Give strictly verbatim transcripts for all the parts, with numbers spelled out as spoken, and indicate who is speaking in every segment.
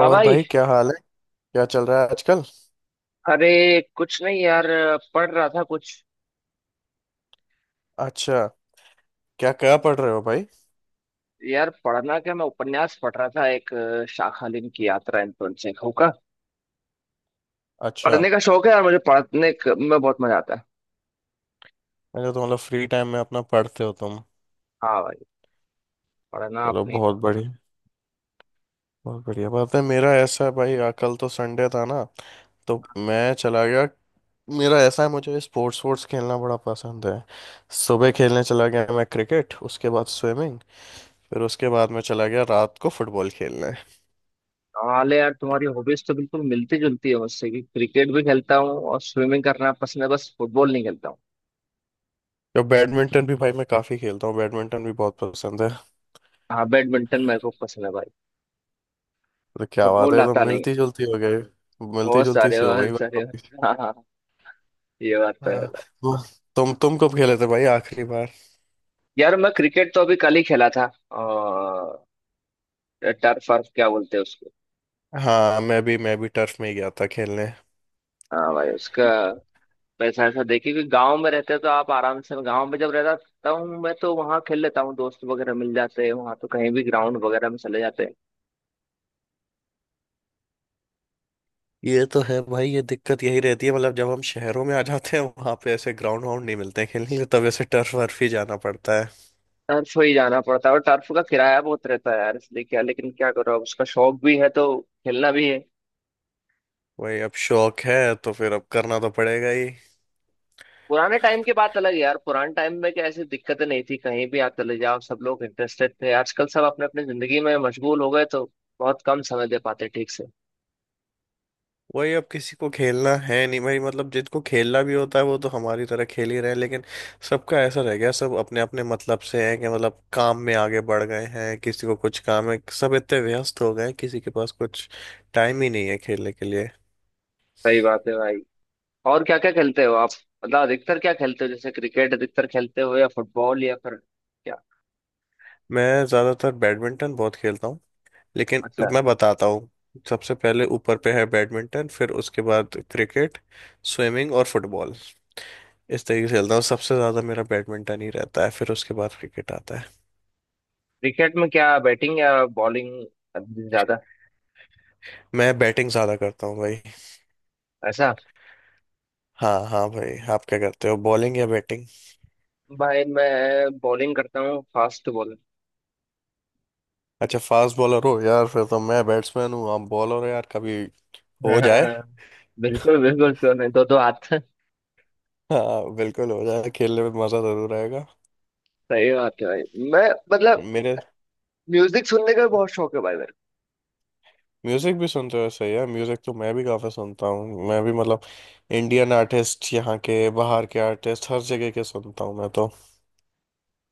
Speaker 1: हाँ भाई।
Speaker 2: भाई, क्या हाल है? क्या चल रहा है आजकल?
Speaker 1: अरे कुछ नहीं यार, पढ़ रहा था कुछ।
Speaker 2: अच्छा, क्या क्या पढ़ रहे हो भाई?
Speaker 1: यार पढ़ना क्या, मैं उपन्यास पढ़ रहा था एक अ, शाखालिन की यात्रा, एंटोन चेखव का।
Speaker 2: अच्छा।
Speaker 1: पढ़ने का शौक है यार मुझे, पढ़ने क- में बहुत मजा आता है।
Speaker 2: मैंने तो मतलब फ्री टाइम में अपना पढ़ते हो तुम?
Speaker 1: हाँ भाई, पढ़ना
Speaker 2: चलो,
Speaker 1: अपनी।
Speaker 2: बहुत बढ़िया। बहुत बढ़िया बात है। मेरा ऐसा है भाई, आ, कल तो संडे था ना, तो मैं चला गया। मेरा ऐसा है मुझे स्पोर्ट्स स्पोर्ट्स खेलना बड़ा पसंद है। सुबह खेलने चला गया मैं क्रिकेट, उसके बाद स्विमिंग, फिर उसके बाद मैं चला गया रात को फुटबॉल खेलने।
Speaker 1: हाल है यार, तुम्हारी हॉबीज तो बिल्कुल मिलती जुलती है मुझसे कि क्रिकेट भी खेलता हूँ और स्विमिंग करना पसंद है, बस फुटबॉल नहीं खेलता हूँ।
Speaker 2: तो बैडमिंटन भी भाई मैं काफ़ी खेलता हूँ, बैडमिंटन भी बहुत पसंद है।
Speaker 1: हाँ बैडमिंटन मेरे को पसंद है भाई।
Speaker 2: तो क्या बात
Speaker 1: फुटबॉल
Speaker 2: है, तो
Speaker 1: आता नहीं है।
Speaker 2: मिलती जुलती हो गई। मिलती
Speaker 1: बहुत
Speaker 2: जुलती
Speaker 1: सारे
Speaker 2: सी हो गई
Speaker 1: बहुत
Speaker 2: भाई
Speaker 1: सारे।
Speaker 2: कॉपी।
Speaker 1: हाँ हाँ, ये बात तो है।
Speaker 2: हाँ। वो- तुम तुम कब खेले थे भाई आखिरी बार?
Speaker 1: यार मैं क्रिकेट तो अभी कल ही खेला था। टर्फ वर्फ क्या बोलते हैं उसको।
Speaker 2: हाँ, मैं भी मैं भी टर्फ में ही गया था खेलने।
Speaker 1: हाँ भाई उसका पैसा। ऐसा देखिए कि गांव में रहते तो आप आराम से, गांव में जब रहता हूँ मैं तो वहां खेल लेता हूँ, दोस्त वगैरह मिल जाते हैं, वहां तो कहीं भी ग्राउंड वगैरह में चले जाते हैं।
Speaker 2: ये तो है भाई, ये दिक्कत यही रहती है मतलब जब हम शहरों में आ जाते हैं वहां पे ऐसे ग्राउंड वाउंड नहीं मिलते हैं खेलने के लिए, तब ऐसे टर्फ वर्फ ही जाना पड़ता है।
Speaker 1: टर्फ ही जाना पड़ता है और टर्फ का किराया बहुत रहता है यार, इसलिए क्या, लेकिन क्या करो, अब उसका शौक भी है तो खेलना भी है।
Speaker 2: वही, अब शौक है तो फिर अब करना तो पड़ेगा ही।
Speaker 1: पुराने टाइम की बात अलग है यार, पुराने टाइम में क्या ऐसी दिक्कतें नहीं थी, कहीं भी आप चले जाओ सब लोग इंटरेस्टेड थे, आजकल सब अपने अपने जिंदगी में मशगूल हो गए तो बहुत कम समय दे पाते ठीक से।
Speaker 2: वही अब किसी को खेलना है नहीं भाई, मतलब जिनको खेलना भी होता है वो तो हमारी तरह खेल ही रहे हैं, लेकिन सबका ऐसा रह गया सब अपने अपने मतलब से हैं कि मतलब काम में आगे बढ़ गए हैं, किसी को कुछ काम है, सब इतने व्यस्त हो गए हैं किसी के पास कुछ टाइम ही नहीं है खेलने के लिए।
Speaker 1: सही बात है भाई। और क्या क्या खेलते हो आप, मतलब अधिकतर क्या खेलते हो, जैसे क्रिकेट अधिकतर खेलते हो या फुटबॉल या फिर क्या।
Speaker 2: मैं ज़्यादातर बैडमिंटन बहुत खेलता हूँ, लेकिन
Speaker 1: अच्छा।
Speaker 2: मैं बताता हूँ। सबसे पहले ऊपर पे है बैडमिंटन, फिर उसके बाद क्रिकेट, स्विमिंग और फुटबॉल। इस तरीके से खेलता हूँ, सबसे ज़्यादा मेरा बैडमिंटन ही रहता है फिर उसके बाद क्रिकेट आता है।
Speaker 1: क्रिकेट में क्या, बैटिंग या बॉलिंग ज्यादा।
Speaker 2: मैं बैटिंग ज्यादा करता हूँ भाई।
Speaker 1: ऐसा।
Speaker 2: हाँ हाँ भाई, आप क्या करते हो, बॉलिंग या बैटिंग?
Speaker 1: भाई मैं बॉलिंग करता हूँ, फास्ट बॉलर।
Speaker 2: अच्छा, फास्ट बॉलर हो यार, फिर तो मैं बैट्समैन हूँ आप बॉलर हो यार, कभी हो जाए।
Speaker 1: हाँ। बिल्कुल बिल्कुल, क्यों नहीं, दो दो हाथ।
Speaker 2: हाँ बिल्कुल, हो जाए, खेलने में मजा जरूर आएगा।
Speaker 1: सही बात है भाई। मैं मतलब,
Speaker 2: मेरे
Speaker 1: म्यूजिक सुनने का भी बहुत शौक है भाई मेरे
Speaker 2: म्यूजिक भी सुनते हो, सही है। म्यूजिक तो मैं भी काफी सुनता हूँ, मैं भी मतलब इंडियन आर्टिस्ट, यहाँ के, बाहर के आर्टिस्ट हर जगह के सुनता हूँ मैं तो।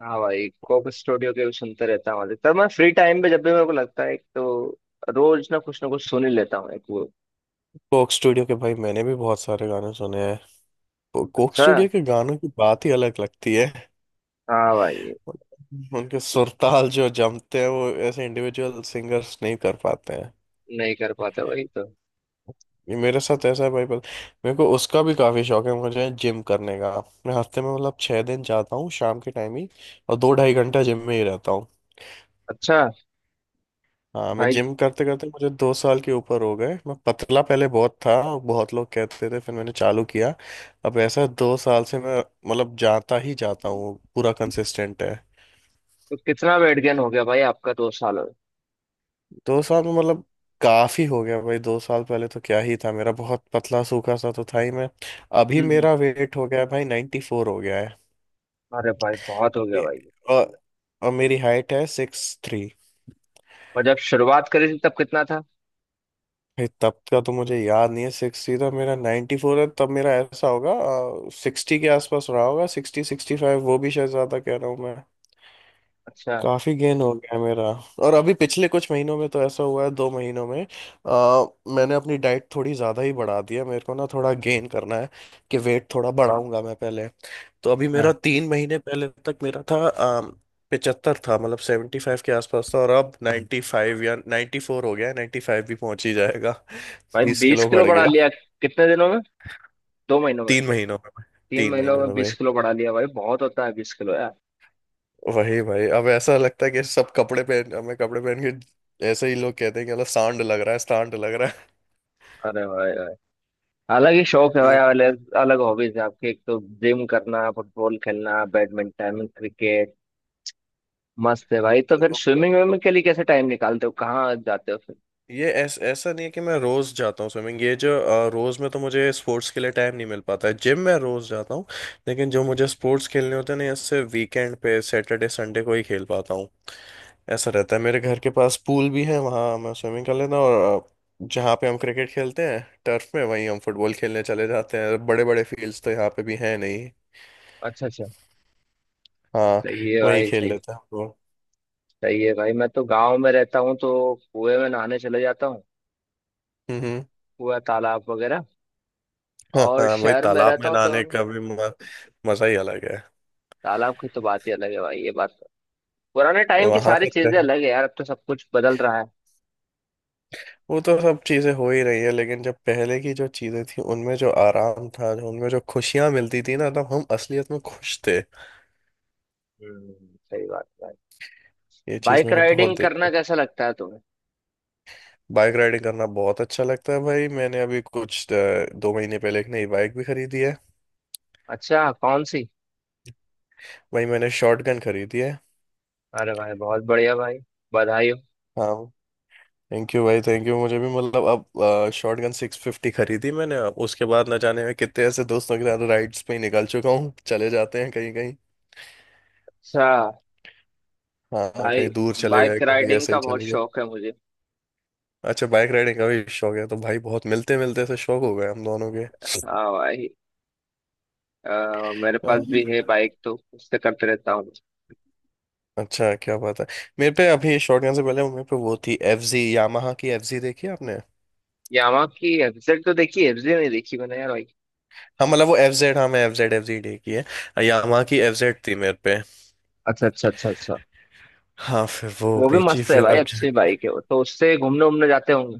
Speaker 1: को। हाँ भाई, कोक स्टूडियो के भी सुनते रहता हूँ अधिकतर, मैं फ्री टाइम पे जब भी मेरे को लगता है एक तो रोज ना कुछ ना कुछ सुन ही लेता हूँ एक वो।
Speaker 2: कोक स्टूडियो के भाई मैंने भी बहुत सारे गाने सुने हैं, कोक
Speaker 1: अच्छा।
Speaker 2: स्टूडियो के गानों की बात ही अलग लगती है।
Speaker 1: हाँ भाई,
Speaker 2: उनके सुरताल जो जमते हैं वो ऐसे इंडिविजुअल सिंगर्स नहीं कर पाते हैं।
Speaker 1: नहीं कर पाते वही तो।
Speaker 2: ये मेरे साथ ऐसा है भाई, पर मेरे को उसका भी काफी शौक है, मुझे जिम करने का। मैं हफ्ते में मतलब छह दिन जाता हूँ शाम के टाइम ही, और दो ढाई घंटा जिम में ही रहता हूँ।
Speaker 1: अच्छा
Speaker 2: हाँ मैं
Speaker 1: भाई,
Speaker 2: जिम करते करते मुझे दो साल के ऊपर हो गए। मैं पतला पहले बहुत था और बहुत लोग कहते थे, फिर मैंने चालू किया। अब ऐसा दो साल से मैं मतलब जाता ही जाता हूँ, पूरा कंसिस्टेंट है।
Speaker 1: तो कितना वेट गेन हो गया भाई आपका दो सालों में।
Speaker 2: दो साल में मतलब काफी हो गया भाई। दो साल पहले तो क्या ही था मेरा, बहुत पतला सूखा सा तो था ही मैं। अभी
Speaker 1: हम्म हम्म,
Speaker 2: मेरा वेट हो गया है भाई, नाइन्टी फोर हो गया है
Speaker 1: अरे भाई बहुत हो गया
Speaker 2: अभी।
Speaker 1: भाई।
Speaker 2: और, और मेरी हाइट है सिक्स थ्री।
Speaker 1: और जब शुरुआत करी थी तब कितना था।
Speaker 2: भाई तब का तो मुझे याद नहीं है। सिक्स थ्री था मेरा, नाइन्टी फोर है, तब मेरा ऐसा होगा सिक्सटी के आसपास रहा होगा, सिक्सटी सिक्सटी फाइव, वो भी शायद ज्यादा कह रहा हूँ मैं।
Speaker 1: अच्छा।
Speaker 2: काफी गेन हो गया मेरा। और अभी पिछले कुछ महीनों में तो ऐसा हुआ है, दो महीनों में, आ, मैंने अपनी डाइट थोड़ी ज्यादा ही बढ़ा दी है, मेरे को ना थोड़ा गेन करना है कि वेट थोड़ा बढ़ाऊंगा मैं पहले। तो अभी मेरा
Speaker 1: हाँ
Speaker 2: तीन महीने पहले तक मेरा था आ, सेवंटी फाइव था, मतलब सेवंटी फाइव के आसपास था, और अब नाइन्टी फाइव या नाइन्टी फोर हो गया है, नाइन्टी फाइव भी पहुंच ही जाएगा।
Speaker 1: भाई,
Speaker 2: बीस
Speaker 1: बीस
Speaker 2: किलो
Speaker 1: किलो
Speaker 2: बढ़
Speaker 1: बढ़ा
Speaker 2: गया
Speaker 1: लिया। कितने दिनों में, दो महीनों में,
Speaker 2: तीन महीनों में,
Speaker 1: तीन
Speaker 2: तीन
Speaker 1: महीनों
Speaker 2: महीनों
Speaker 1: में
Speaker 2: में
Speaker 1: बीस
Speaker 2: भाई।
Speaker 1: किलो बढ़ा लिया भाई, बहुत होता है बीस किलो यार।
Speaker 2: वही भाई अब ऐसा लगता है कि सब कपड़े पहन मैं कपड़े पहन के ऐसे ही लोग कहते हैं कि मतलब सांड लग रहा है, सांड लग रहा।
Speaker 1: अरे भाई भाई, अलग ही शौक है भाई,
Speaker 2: ये
Speaker 1: अलग अलग हॉबीज है आपकी, एक तो जिम करना, फुटबॉल खेलना, बैडमिंटन, क्रिकेट। मस्त है भाई, तो फिर स्विमिंग विमिंग के लिए कैसे टाइम निकालते हो, कहाँ जाते हो फिर।
Speaker 2: ये ऐस, ऐसा नहीं है कि मैं रोज जाता हूँ स्विमिंग। ये जो अ, रोज में तो मुझे स्पोर्ट्स के लिए टाइम नहीं मिल पाता है, जिम में रोज जाता हूँ, लेकिन जो मुझे स्पोर्ट्स खेलने होते हैं ना इससे वीकेंड पे सैटरडे संडे को ही खेल पाता हूँ। ऐसा रहता है, मेरे घर के पास पूल भी है वहाँ मैं स्विमिंग कर लेता हूँ, और अ, जहाँ पे हम क्रिकेट खेलते हैं टर्फ में, वहीं हम फुटबॉल खेलने चले जाते हैं, बड़े बड़े फील्ड्स तो यहाँ पे भी हैं नहीं।
Speaker 1: अच्छा अच्छा।
Speaker 2: हाँ,
Speaker 1: सही है
Speaker 2: वहीं
Speaker 1: भाई,
Speaker 2: खेल
Speaker 1: सही है।
Speaker 2: लेते हैं हम लोग।
Speaker 1: सही है भाई, मैं तो गांव में रहता हूँ तो कुएं में नहाने चले जाता हूँ,
Speaker 2: हम्म हम्म।
Speaker 1: कुआ तालाब वगैरह।
Speaker 2: हाँ
Speaker 1: और
Speaker 2: हाँ, वही
Speaker 1: शहर में
Speaker 2: तालाब
Speaker 1: रहता
Speaker 2: में
Speaker 1: हूँ तो
Speaker 2: नहाने का भी म- मजा ही अलग है।
Speaker 1: तालाब की तो बात ही अलग है भाई, ये बात तो। पुराने टाइम की
Speaker 2: वहां
Speaker 1: सारी
Speaker 2: पे
Speaker 1: चीजें
Speaker 2: तो-
Speaker 1: अलग है यार, अब तो सब कुछ बदल रहा है।
Speaker 2: वो तो सब चीजें हो ही रही है लेकिन जब पहले की जो चीजें थी उनमें जो आराम था, जो उनमें जो खुशियां मिलती थी ना, तब हम असलियत में खुश थे।
Speaker 1: हम्म। सही बात है भाई।
Speaker 2: ये चीज
Speaker 1: बाइक
Speaker 2: मैंने बहुत
Speaker 1: राइडिंग
Speaker 2: देखी।
Speaker 1: करना कैसा लगता है तुम्हें।
Speaker 2: बाइक राइडिंग करना बहुत अच्छा लगता है भाई। मैंने अभी कुछ अ, दो महीने पहले एक नई बाइक भी खरीदी है।
Speaker 1: अच्छा कौन सी।
Speaker 2: भाई मैंने शॉर्ट गन खरीदी है।
Speaker 1: अरे भाई बहुत बढ़िया भाई, बधाई हो।
Speaker 2: हाँ, थैंक यू भाई, थैंक यू। मुझे भी मतलब, अब शॉर्ट गन सिक्स फिफ्टी खरीदी मैंने, अब उसके बाद न जाने में कितने ऐसे दोस्तों के साथ राइड्स पे ही निकल चुका हूँ, चले जाते हैं कहीं कहीं।
Speaker 1: अच्छा।
Speaker 2: हाँ,
Speaker 1: भाई
Speaker 2: कहीं दूर चले
Speaker 1: बाइक
Speaker 2: गए, कभी
Speaker 1: राइडिंग
Speaker 2: ऐसे ही
Speaker 1: का बहुत
Speaker 2: चले गए।
Speaker 1: शौक है मुझे।
Speaker 2: अच्छा, बाइक राइडिंग का भी शौक है तो भाई, बहुत मिलते मिलते से शौक हो गए हम दोनों के।
Speaker 1: हाँ भाई, अ, मेरे पास
Speaker 2: हम्म।
Speaker 1: भी है बाइक तो उससे करते रहता हूँ।
Speaker 2: अच्छा, क्या बात है। मेरे पे अभी शॉटगन से पहले मेरे पे वो थी एफ जी, यामाहा की एफ जी देखी है आपने?
Speaker 1: यामा की एफजेड तो देखी, एफजेड नहीं देखी मैंने यार भाई।
Speaker 2: हाँ मतलब वो एफ जेड, हाँ मैं एफ जेड, एफ जी देखी है यामाहा की, एफ जेड थी मेरे पे।
Speaker 1: अच्छा अच्छा अच्छा अच्छा।
Speaker 2: हाँ फिर वो
Speaker 1: वो भी
Speaker 2: बेची
Speaker 1: मस्त है
Speaker 2: फिर
Speaker 1: भाई,
Speaker 2: अब जा-
Speaker 1: अच्छी बाइक है वो, तो उससे घूमने उमने जाते होंगे।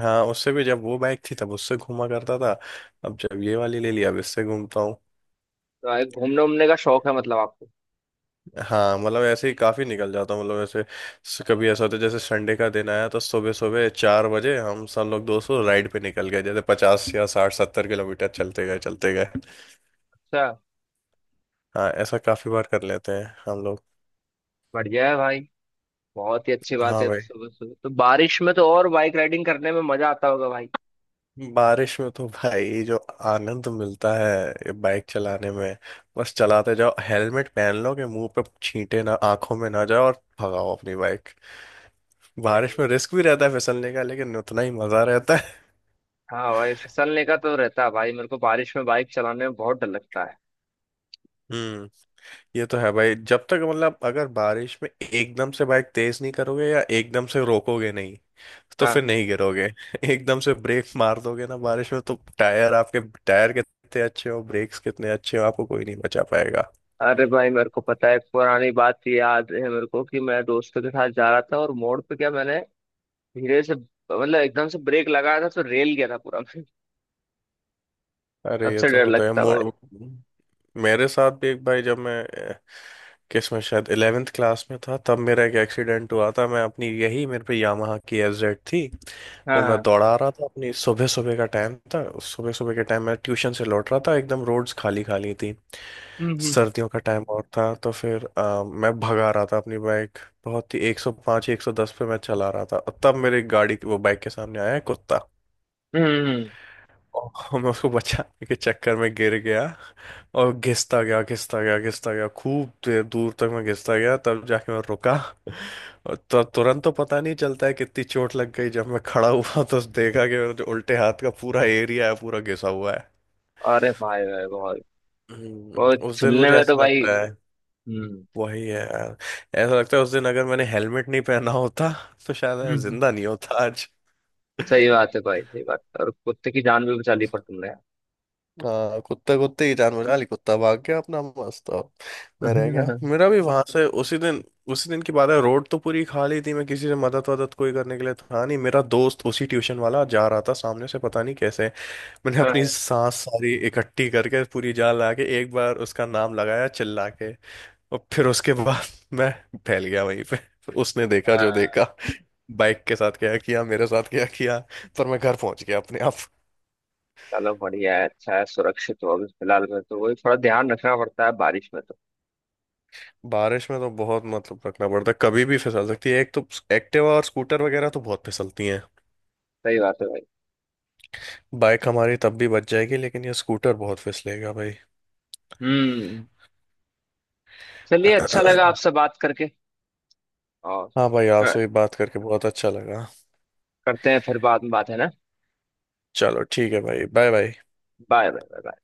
Speaker 2: हाँ उससे भी जब वो बाइक थी तब उससे घूमा करता था, अब जब ये वाली ले लिया अब इससे घूमता हूँ।
Speaker 1: तो भाई घूमने उमने का शौक है मतलब आपको।
Speaker 2: हाँ मतलब ऐसे ही काफी निकल जाता हूँ, मतलब ऐसे स- कभी ऐसा होता है जैसे संडे का दिन आया तो सुबह सुबह चार बजे हम सब लोग दोस्तों राइड पे निकल गए, जैसे पचास या साठ सत्तर किलोमीटर चलते गए चलते गए।
Speaker 1: अच्छा।
Speaker 2: हाँ ऐसा काफी बार कर लेते हैं हम लोग।
Speaker 1: बढ़िया है भाई, बहुत ही अच्छी बात
Speaker 2: हाँ
Speaker 1: है। तो
Speaker 2: भाई।
Speaker 1: सुबह सुबह तो, बारिश में तो और बाइक राइडिंग करने में मजा आता होगा भाई।
Speaker 2: बारिश में तो भाई जो आनंद मिलता है बाइक चलाने में, बस चलाते जाओ, हेलमेट पहन लो कि मुंह पे छींटे ना आंखों में ना जाए और भगाओ अपनी बाइक।
Speaker 1: सही
Speaker 2: बारिश में
Speaker 1: है।
Speaker 2: रिस्क भी रहता है फिसलने का, लेकिन उतना ही मजा रहता है।
Speaker 1: हाँ भाई फिसलने का तो रहता है भाई, मेरे को बारिश में बाइक चलाने में बहुत डर लगता है।
Speaker 2: हम्म। ये तो है भाई, जब तक मतलब अगर बारिश में एकदम से बाइक तेज नहीं करोगे या एकदम से रोकोगे नहीं तो फिर
Speaker 1: हाँ।
Speaker 2: नहीं गिरोगे। एकदम से ब्रेक मार दोगे ना बारिश में, तो टायर आपके, टायर कितने अच्छे हो, ब्रेक्स कितने अच्छे हो, आपको कोई नहीं बचा पाएगा।
Speaker 1: अरे भाई मेरे को पता है, एक पुरानी बात याद है मेरे को कि मैं दोस्तों के साथ जा रहा था और मोड़ पे क्या, मैंने धीरे से मतलब एकदम से ब्रेक लगाया था, तो रेल गया था पूरा मैं। अब
Speaker 2: अरे, ये
Speaker 1: से
Speaker 2: तो
Speaker 1: डर
Speaker 2: होता है
Speaker 1: लगता
Speaker 2: मोड़।
Speaker 1: भाई।
Speaker 2: मेरे साथ भी एक भाई, जब मैं किस में शायद ग्यारहवीं क्लास में था तब मेरा एक एक्सीडेंट हुआ था। मैं अपनी यही मेरे पे यामाहा की एफ जेड थी,
Speaker 1: हाँ
Speaker 2: वो मैं
Speaker 1: हाँ।
Speaker 2: दौड़ा रहा था अपनी, सुबह सुबह का टाइम था, सुबह सुबह के टाइम मैं ट्यूशन से लौट रहा था, एकदम रोड्स खाली खाली थी,
Speaker 1: हम्म हम्म
Speaker 2: सर्दियों का टाइम और था तो फिर अ, मैं भगा रहा था अपनी बाइक, बहुत ही एक सौ पाँच एक सौ दस पे मैं चला रहा था, और तब मेरी गाड़ी वो बाइक के सामने आया है कुत्ता,
Speaker 1: हम्म हम्म।
Speaker 2: और मैं उसको बचाने के चक्कर में गिर गया, और घिसता गया घिसता गया घिसता गया खूब देर दूर तक मैं घिसता गया, तब जाके मैं रुका। और तो तुरंत तो पता नहीं चलता है कितनी चोट लग गई, जब मैं खड़ा हुआ तो देखा कि मेरे जो उल्टे हाथ का पूरा एरिया है पूरा घिसा हुआ है।
Speaker 1: अरे भाई भाई, बहुत
Speaker 2: हम्म,
Speaker 1: बहुत
Speaker 2: उस दिन
Speaker 1: छिलने
Speaker 2: मुझे
Speaker 1: में तो
Speaker 2: ऐसा
Speaker 1: भाई।
Speaker 2: लगता है,
Speaker 1: हम्म
Speaker 2: वही है यार, ऐसा लगता है उस दिन अगर मैंने हेलमेट नहीं पहना होता तो शायद मैं
Speaker 1: हम्म।
Speaker 2: जिंदा नहीं होता आज।
Speaker 1: सही बात है भाई, सही बात है। और कुत्ते की जान भी बचा ली पर तुमने।
Speaker 2: हाँ, कुत्ते कुत्ते की जान बचा ली, कुत्ता भाग गया अपना मस्त, अब मैं रह गया। मेरा भी वहां से उसी दिन, उसी दिन की बात है। रोड तो पूरी खाली थी, मैं किसी से मदद वदद, कोई करने के लिए था नहीं, मेरा दोस्त उसी ट्यूशन वाला जा रहा था सामने से पता नहीं कैसे। मैंने अपनी
Speaker 1: हाँ
Speaker 2: सांस सारी इकट्ठी करके पूरी जान लगा के एक बार उसका नाम लगाया चिल्ला के, और फिर उसके बाद मैं फैल गया वहीं पे। उसने देखा जो
Speaker 1: हाँ,
Speaker 2: देखा, बाइक के साथ क्या किया मेरे साथ क्या किया, पर मैं घर पहुंच गया अपने आप।
Speaker 1: चलो बढ़िया है, अच्छा है, सुरक्षित हो अभी फिलहाल में तो, वही थोड़ा ध्यान रखना पड़ता है बारिश में तो।
Speaker 2: बारिश में तो बहुत मतलब रखना पड़ता है, कभी भी फिसल सकती है, एक तो एक्टिवा और स्कूटर वगैरह तो बहुत फिसलती हैं।
Speaker 1: सही बात है भाई।
Speaker 2: बाइक हमारी तब भी बच जाएगी, लेकिन ये स्कूटर बहुत फिसलेगा भाई।
Speaker 1: हम्म। चलिए, अच्छा लगा आपसे बात करके। और
Speaker 2: हाँ भाई
Speaker 1: कर,
Speaker 2: आपसे भी बात करके बहुत अच्छा लगा।
Speaker 1: करते हैं फिर बाद में बात, है ना।
Speaker 2: चलो ठीक है भाई, bye bye.
Speaker 1: Bye bye bye.